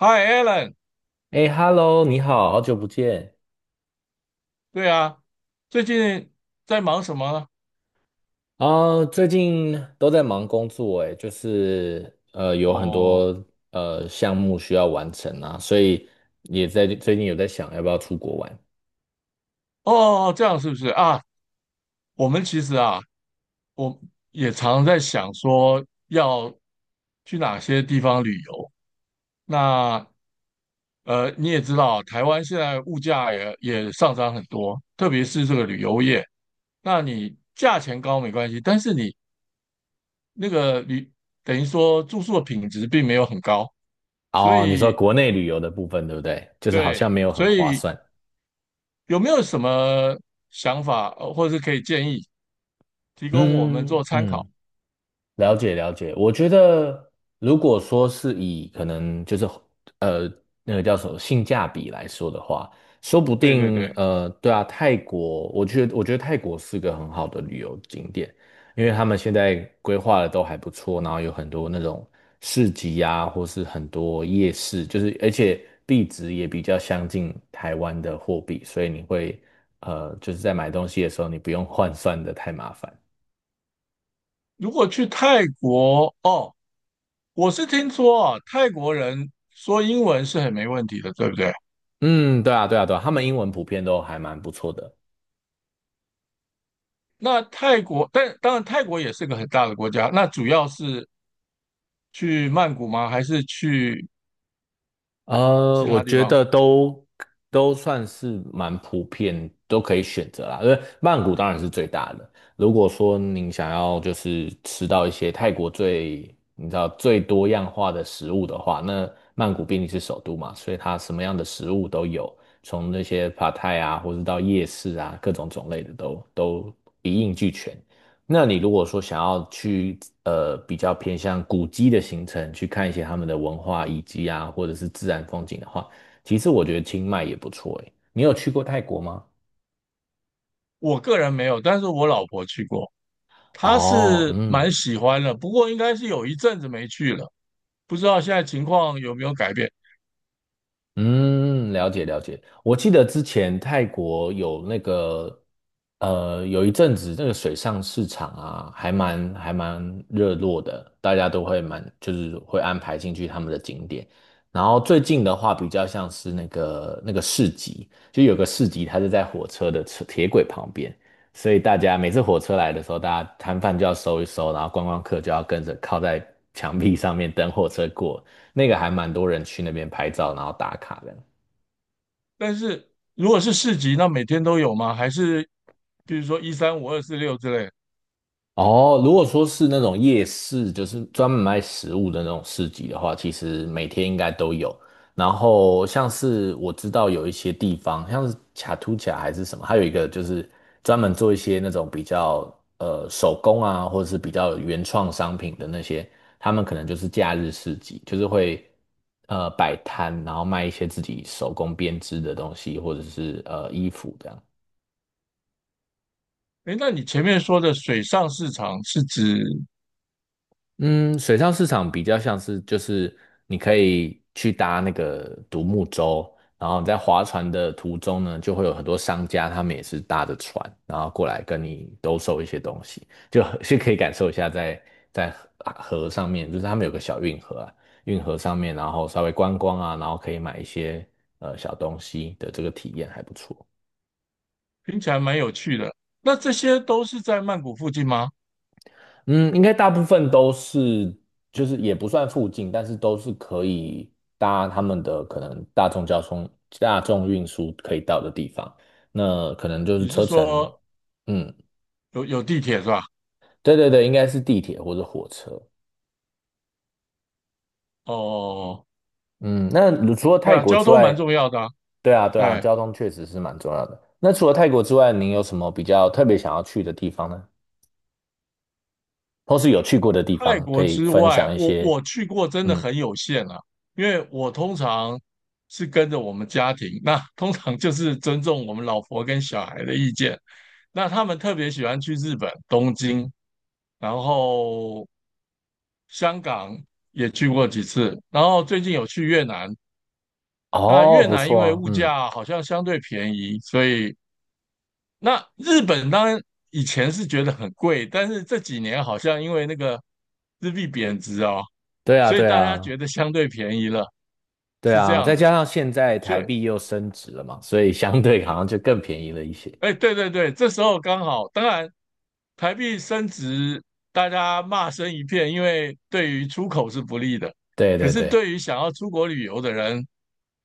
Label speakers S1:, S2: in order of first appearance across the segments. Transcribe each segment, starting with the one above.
S1: Hi Alan，
S2: 哎，Hello，你好，好久不见
S1: 对啊，最近在忙什么呢？
S2: 啊！最近都在忙工作，哎，就是有很
S1: 哦
S2: 多项目需要完成啊，所以也在最近有在想要不要出国玩。
S1: 哦，哦这样是不是啊？我们其实啊，我也常在想说要去哪些地方旅游。那你也知道啊，台湾现在物价也上涨很多，特别是这个旅游业。那你价钱高没关系，但是你那个旅等于说住宿的品质并没有很高，所
S2: 哦，你说
S1: 以
S2: 国内旅游的部分对不对？就是好像没
S1: 对，
S2: 有很
S1: 所
S2: 划
S1: 以。
S2: 算。
S1: 有没有什么想法，或者是可以建议提供我们
S2: 嗯
S1: 做参考？
S2: 嗯，了解了解，我觉得如果说是以可能就是呃那个叫什么性价比来说的话，说不
S1: 对对
S2: 定
S1: 对，
S2: 对啊，泰国，我觉得泰国是个很好的旅游景点，因为他们现在规划的都还不错，然后有很多那种市集啊，或是很多夜市，就是而且币值也比较相近台湾的货币，所以你会就是在买东西的时候，你不用换算的太麻烦。
S1: 如果去泰国，哦，我是听说啊，泰国人说英文是很没问题的，对不对？
S2: 嗯，对啊，对啊，对啊，他们英文普遍都还蛮不错的。
S1: 那泰国，但当然泰国也是个很大的国家，那主要是去曼谷吗？还是去
S2: 呃，
S1: 其
S2: 我
S1: 他地
S2: 觉
S1: 方？
S2: 得都算是蛮普遍，都可以选择啦。因为曼谷当然是最大的。如果说您想要就是吃到一些泰国最你知道最多样化的食物的话，那曼谷毕竟是首都嘛，所以它什么样的食物都有，从那些 p a 啊，或是到夜市啊，各种种类的都一应俱全。那你如果说想要去比较偏向古迹的行程，去看一些他们的文化遗迹啊，或者是自然风景的话，其实我觉得清迈也不错诶。你有去过泰国吗？
S1: 我个人没有，但是我老婆去过，她
S2: 哦，
S1: 是
S2: 嗯，
S1: 蛮喜欢的，不过应该是有一阵子没去了，不知道现在情况有没有改变。
S2: 嗯，了解了解。我记得之前泰国有那个，有一阵子那个水上市场啊，还蛮热络的，大家都会蛮就是会安排进去他们的景点。然后最近的话，比较像是那个市集，就有个市集，它是在火车的车铁轨旁边，所以大家每次火车来的时候，大家摊贩就要收一收，然后观光客就要跟着靠在墙壁上面等火车过。那个还蛮多人去那边拍照，然后打卡的。
S1: 但是如果是市集，那每天都有吗？还是比如说1、3、5、2、4、6之类？
S2: 哦，如果说是那种夜市，就是专门卖食物的那种市集的话，其实每天应该都有。然后像是我知道有一些地方，像是卡图卡还是什么，还有一个就是专门做一些那种比较手工啊，或者是比较原创商品的那些，他们可能就是假日市集，就是会摆摊，然后卖一些自己手工编织的东西，或者是衣服这样。
S1: 诶，那你前面说的水上市场是指
S2: 嗯，水上市场比较像是就是你可以去搭那个独木舟，然后你在划船的途中呢，就会有很多商家，他们也是搭着船，然后过来跟你兜售一些东西，就是可以感受一下在河河上面，就是他们有个小运河啊，运河上面，然后稍微观光啊，然后可以买一些小东西的这个体验还不错。
S1: 听起来蛮有趣的，那这些都是在曼谷附近吗？
S2: 嗯，应该大部分都是，就是也不算附近，但是都是可以搭他们的可能大众交通、大众运输可以到的地方。那可能就是
S1: 你是
S2: 车程，
S1: 说
S2: 嗯，
S1: 有地铁是吧？
S2: 对对对，应该是地铁或者火车。
S1: 哦，哦哦
S2: 嗯，那如除了
S1: 对
S2: 泰
S1: 啊，
S2: 国
S1: 交
S2: 之
S1: 通
S2: 外，
S1: 蛮重要的啊。
S2: 对啊对啊，
S1: 哎，
S2: 交通确实是蛮重要的。那除了泰国之外，您有什么比较特别想要去的地方呢？或是有去过的地
S1: 泰
S2: 方，可
S1: 国
S2: 以
S1: 之
S2: 分
S1: 外，
S2: 享一
S1: 我
S2: 些？
S1: 我去过真的
S2: 嗯，
S1: 很有限啊，因为我通常是跟着我们家庭，那通常就是尊重我们老婆跟小孩的意见。那他们特别喜欢去日本东京，然后香港也去过几次，然后最近有去越南。那
S2: 哦，
S1: 越
S2: 不
S1: 南因
S2: 错
S1: 为
S2: 啊，
S1: 物
S2: 嗯，
S1: 价好像相对便宜，所以那日本当然以前是觉得很贵，但是这几年好像因为那个日币贬值啊，
S2: 对啊
S1: 所以
S2: 对
S1: 大家
S2: 啊。
S1: 觉得相对便宜了，
S2: 对
S1: 是这
S2: 啊，
S1: 样
S2: 再加
S1: 子。
S2: 上现在台
S1: 所以
S2: 币又升值了嘛，所以相对好像就更便宜了一些。
S1: 哎，对对对，这时候刚好，当然台币升值，大家骂声一片，因为对于出口是不利的。
S2: 对
S1: 可
S2: 对
S1: 是
S2: 对，
S1: 对于想要出国旅游的人，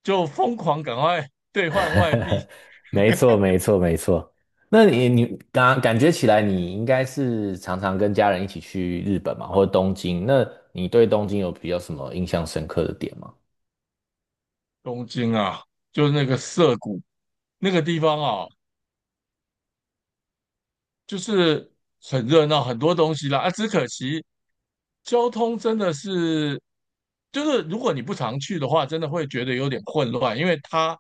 S1: 就疯狂赶快兑换外币。
S2: 没错没错没错。那你感感觉起来，你应该是常常跟家人一起去日本嘛，或者东京。那你对东京有比较什么印象深刻的点吗？
S1: 东京啊，就是那个涩谷那个地方啊，就是很热闹，很多东西啦。啊，只可惜交通真的是，就是如果你不常去的话，真的会觉得有点混乱，因为它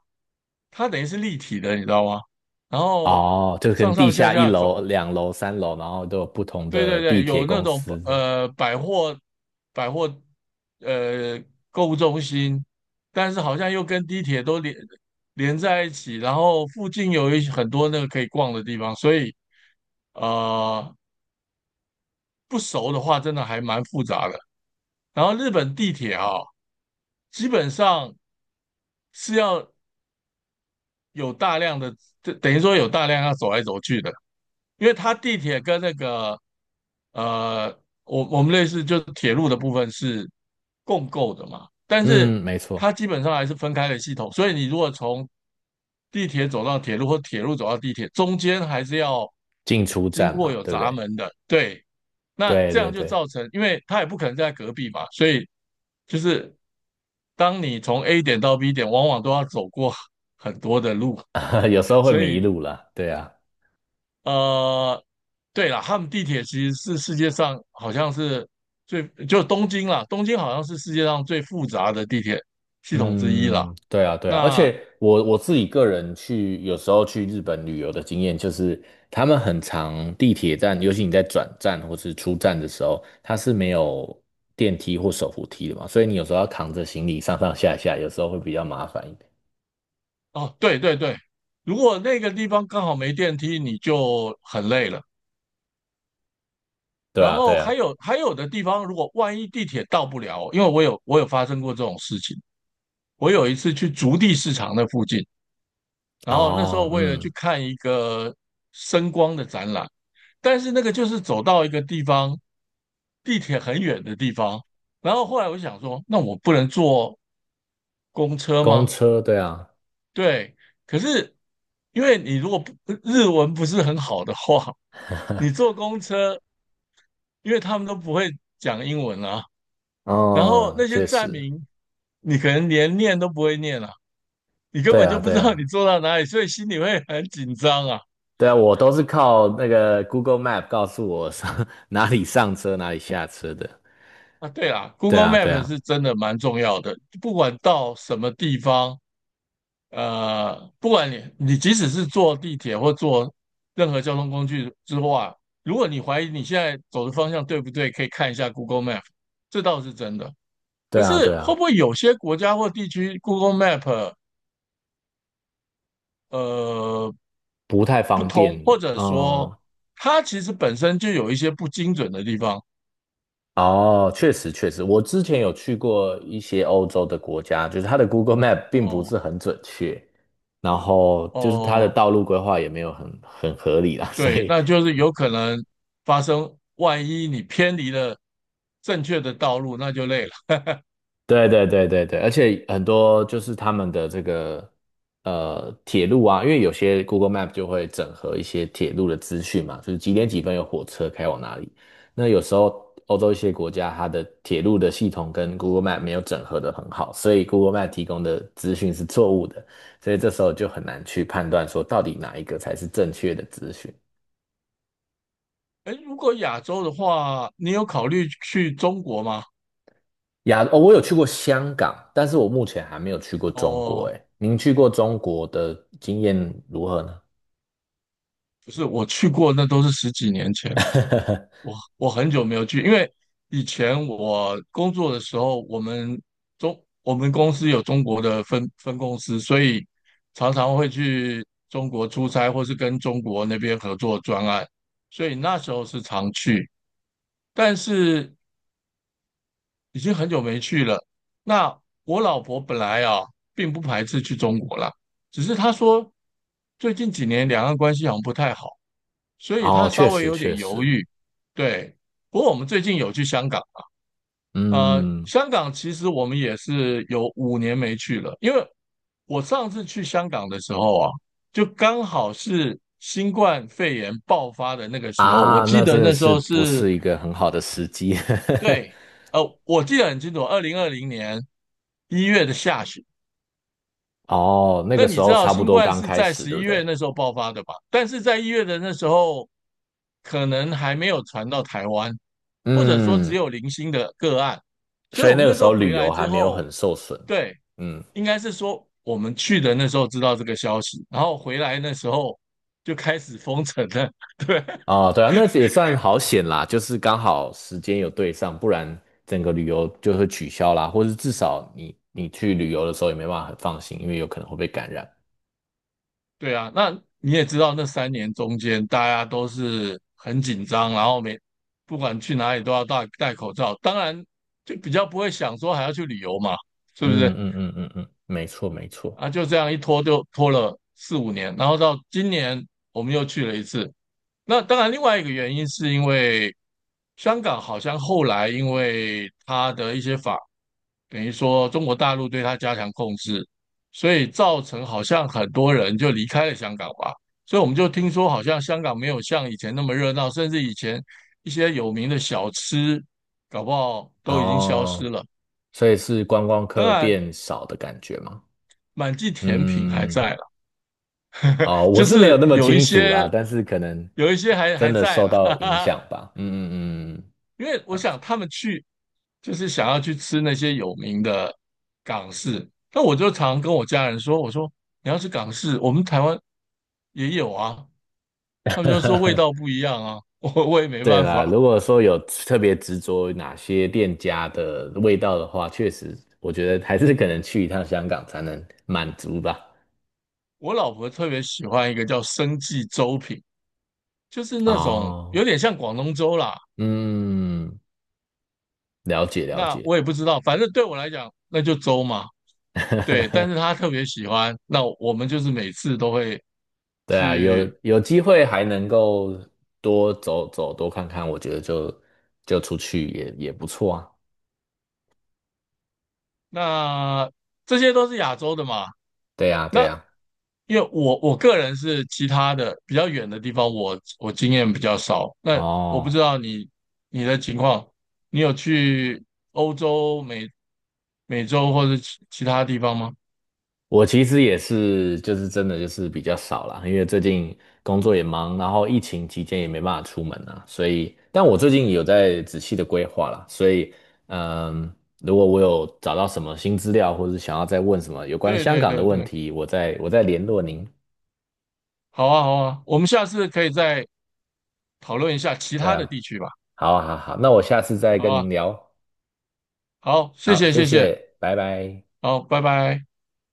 S1: 它等于是立体的，你知道吗？然后
S2: 哦，就是可
S1: 上
S2: 能地
S1: 上下
S2: 下一
S1: 下
S2: 楼、
S1: 走，
S2: 两楼、三楼，然后都有不同
S1: 对对
S2: 的地
S1: 对，
S2: 铁
S1: 有那
S2: 公
S1: 种
S2: 司这样。
S1: 百货呃购物中心，但是好像又跟地铁都连在一起，然后附近有很多那个可以逛的地方，所以呃不熟的话，真的还蛮复杂的。然后日本地铁啊、基本上是要有大量的，等于说有大量要走来走去的，因为它地铁跟那个呃，我们类似就是铁路的部分是共构的嘛，但是
S2: 嗯，没
S1: 它
S2: 错，
S1: 基本上还是分开的系统，所以你如果从地铁走到铁路或铁路走到地铁，中间还是要
S2: 进出
S1: 经
S2: 站
S1: 过
S2: 嘛，
S1: 有
S2: 对不
S1: 闸
S2: 对？
S1: 门的，对，那
S2: 对
S1: 这
S2: 对
S1: 样就
S2: 对，
S1: 造成，因为它也不可能在隔壁嘛，所以就是当你从 A 点到 B 点，往往都要走过很多的路，
S2: 有时候会
S1: 所
S2: 迷
S1: 以
S2: 路啦，对啊。
S1: 呃，对了，他们地铁其实是世界上好像是最，就东京啦，东京好像是世界上最复杂的地铁系统之一啦。
S2: 嗯，对啊，对啊，而
S1: 那
S2: 且我自己个人去有时候去日本旅游的经验就是，他们很长地铁站，尤其你在转站或是出站的时候，它是没有电梯或手扶梯的嘛，所以你有时候要扛着行李上上下下，有时候会比较麻烦一点。
S1: 哦，对对对，如果那个地方刚好没电梯，你就很累了。
S2: 对
S1: 然
S2: 啊，对
S1: 后
S2: 啊，
S1: 还有的地方，如果万一地铁到不了，因为我有发生过这种事情，我有一次去竹地市场那附近。然后那时候
S2: 哦，
S1: 为了去
S2: 嗯，
S1: 看一个声光的展览，但是那个就是走到一个地方，地铁很远的地方。然后后来我就想说，那我不能坐公车
S2: 公
S1: 吗？
S2: 车，对啊。
S1: 对，可是因为你如果不日文不是很好的话，你坐 公车，因为他们都不会讲英文啊，然后
S2: 哦，
S1: 那些
S2: 确
S1: 站
S2: 实，
S1: 名你可能连念都不会念啊，你根
S2: 对
S1: 本
S2: 啊，
S1: 就不
S2: 对
S1: 知道你
S2: 啊，
S1: 坐到哪里，所以心里会很紧张啊。
S2: 对啊，我都是靠那个 Google Map 告诉我上 哪里上车，哪里下车的。
S1: 啊，对啦
S2: 对
S1: ，Google
S2: 啊，对
S1: Map
S2: 啊，
S1: 是真的蛮重要的，不管到什么地方，不管你即使是坐地铁或坐任何交通工具之外，如果你怀疑你现在走的方向对不对，可以看一下 Google Map,这倒是真的。
S2: 对
S1: 可
S2: 啊，
S1: 是
S2: 对
S1: 会
S2: 啊。
S1: 不会有些国家或地区 Google Map 呃
S2: 不太
S1: 不
S2: 方便
S1: 通，
S2: 嘛。
S1: 或者说
S2: 嗯，
S1: 它其实本身就有一些不精准的地方？
S2: 哦，确实确实，我之前有去过一些欧洲的国家，就是它的 Google Map 并不
S1: 哦
S2: 是很准确，然后就是它的
S1: 哦，
S2: 道路规划也没有很合理啦，所
S1: 对，
S2: 以
S1: 那就是有可能发生，万一你偏离了正确的道路，那就累了。
S2: 对对对对对，而且很多就是他们的这个铁路啊，因为有些 Google Map 就会整合一些铁路的资讯嘛，就是几点几分有火车开往哪里。那有时候欧洲一些国家它的铁路的系统跟 Google Map 没有整合的很好，所以 Google Map 提供的资讯是错误的，所以这时候就很难去判断说到底哪一个才是正确的资讯。
S1: 哎，如果亚洲的话，你有考虑去中国吗？
S2: 亚，哦，我有去过香港，但是我目前还没有去过中国。
S1: 哦，
S2: 哎，您去过中国的经验如何呢？
S1: 不是，我去过，那都是十几年前，我很久没有去，因为以前我工作的时候，我们公司有中国的分公司，所以常常会去中国出差，或是跟中国那边合作专案，所以那时候是常去。但是已经很久没去了。那我老婆本来啊，并不排斥去中国啦，只是她说最近几年两岸关系好像不太好，所以
S2: 哦，
S1: 她稍
S2: 确
S1: 微
S2: 实
S1: 有点
S2: 确
S1: 犹
S2: 实，
S1: 豫。对，不过我们最近有去香港，
S2: 嗯
S1: 香港其实我们也是有五年没去了，因为我上次去香港的时候啊，就刚好是新冠肺炎爆发的那个时候，我
S2: 啊，
S1: 记
S2: 那真
S1: 得
S2: 的
S1: 那时
S2: 是
S1: 候
S2: 不
S1: 是
S2: 是一个很好的时机。
S1: 对，我记得很清楚，2020年一月的下旬。
S2: 哦，那
S1: 那
S2: 个时
S1: 你知
S2: 候
S1: 道
S2: 差不
S1: 新
S2: 多
S1: 冠
S2: 刚
S1: 是
S2: 开
S1: 在
S2: 始，
S1: 十
S2: 对
S1: 一
S2: 不
S1: 月
S2: 对？
S1: 那时候爆发的吧？但是在一月的那时候，可能还没有传到台湾，或者说只
S2: 嗯，
S1: 有零星的个案。所以
S2: 所以
S1: 我
S2: 那
S1: 们
S2: 个
S1: 那时
S2: 时
S1: 候
S2: 候
S1: 回
S2: 旅
S1: 来
S2: 游还
S1: 之
S2: 没有
S1: 后，
S2: 很受损。
S1: 对，
S2: 嗯，
S1: 应该是说我们去的那时候知道这个消息，然后回来那时候就开始封城了。
S2: 哦，对啊，那也算好险啦，就是刚好时间有对上，不然整个旅游就会取消啦，或是至少你去旅游的时候也没办法很放心，因为有可能会被感染。
S1: 对啊，那你也知道，那3年中间大家都是很紧张，然后每不管去哪里都要戴口罩。当然，就比较不会想说还要去旅游嘛，是不
S2: 嗯
S1: 是？
S2: 嗯嗯嗯嗯，嗯没错没错。
S1: 啊，就这样一拖就拖了4、5年，然后到今年我们又去了一次。那当然，另外一个原因是因为香港好像后来因为它的一些等于说中国大陆对他加强控制，所以造成好像很多人就离开了香港吧。所以我们就听说，好像香港没有像以前那么热闹，甚至以前一些有名的小吃，搞不好都已经消失
S2: 哦，
S1: 了。
S2: 所以是观光
S1: 当
S2: 客
S1: 然，
S2: 变少的感觉吗？
S1: 满记甜品还
S2: 嗯，
S1: 在了，
S2: 哦，我
S1: 就
S2: 是没有
S1: 是
S2: 那么
S1: 有一
S2: 清楚啦，
S1: 些
S2: 但是可能
S1: 有一些还
S2: 真的
S1: 在
S2: 受
S1: 啦，
S2: 到
S1: 哈哈
S2: 影
S1: 哈。
S2: 响吧。嗯嗯嗯，
S1: 因为我
S2: 好
S1: 想他们去就是想要去吃那些有名的港式，那我就常跟我家人说，我说。你要是港式，我们台湾也有啊，他们就说味道不一样啊，我也 没
S2: 对
S1: 办
S2: 啦，
S1: 法。
S2: 如果说有特别执着于哪些店家的味道的话，确实，我觉得还是可能去一趟香港才能满足吧。
S1: 我老婆特别喜欢一个叫生记粥品，就是那种
S2: 哦，
S1: 有点像广东粥啦。
S2: 嗯，了解了
S1: 那
S2: 解。
S1: 我也不知道，反正对我来讲那就粥嘛。对，但是她 特别喜欢，那我们就是每次都会
S2: 对啊，有
S1: 去。
S2: 有机会还能够多走走，多看看，我觉得就出去也不错啊。
S1: 那这些都是亚洲的嘛，
S2: 对啊，对
S1: 那
S2: 啊。
S1: 因为我个人是其他的比较远的地方我经验比较少。那我不知
S2: 哦，
S1: 道你的情况，你有去欧洲、美洲或者其他地方吗？
S2: 我其实也是，就是真的就是比较少啦，因为最近工作也忙，然后疫情期间也没办法出门啊，所以，但我最近有在仔细的规划啦，所以，嗯，如果我有找到什么新资料，或是想要再问什么有关
S1: 对
S2: 香
S1: 对
S2: 港的
S1: 对
S2: 问
S1: 对，
S2: 题，我再联络您。
S1: 好啊好啊，我们下次可以再讨论一下其
S2: 对
S1: 他的
S2: 啊，
S1: 地区吧。
S2: 好啊，好啊好好啊那我下次再
S1: 好
S2: 跟
S1: 啊，
S2: 您聊。
S1: 好，谢
S2: 好，
S1: 谢
S2: 谢
S1: 谢谢，
S2: 谢，拜拜。
S1: 好，拜拜。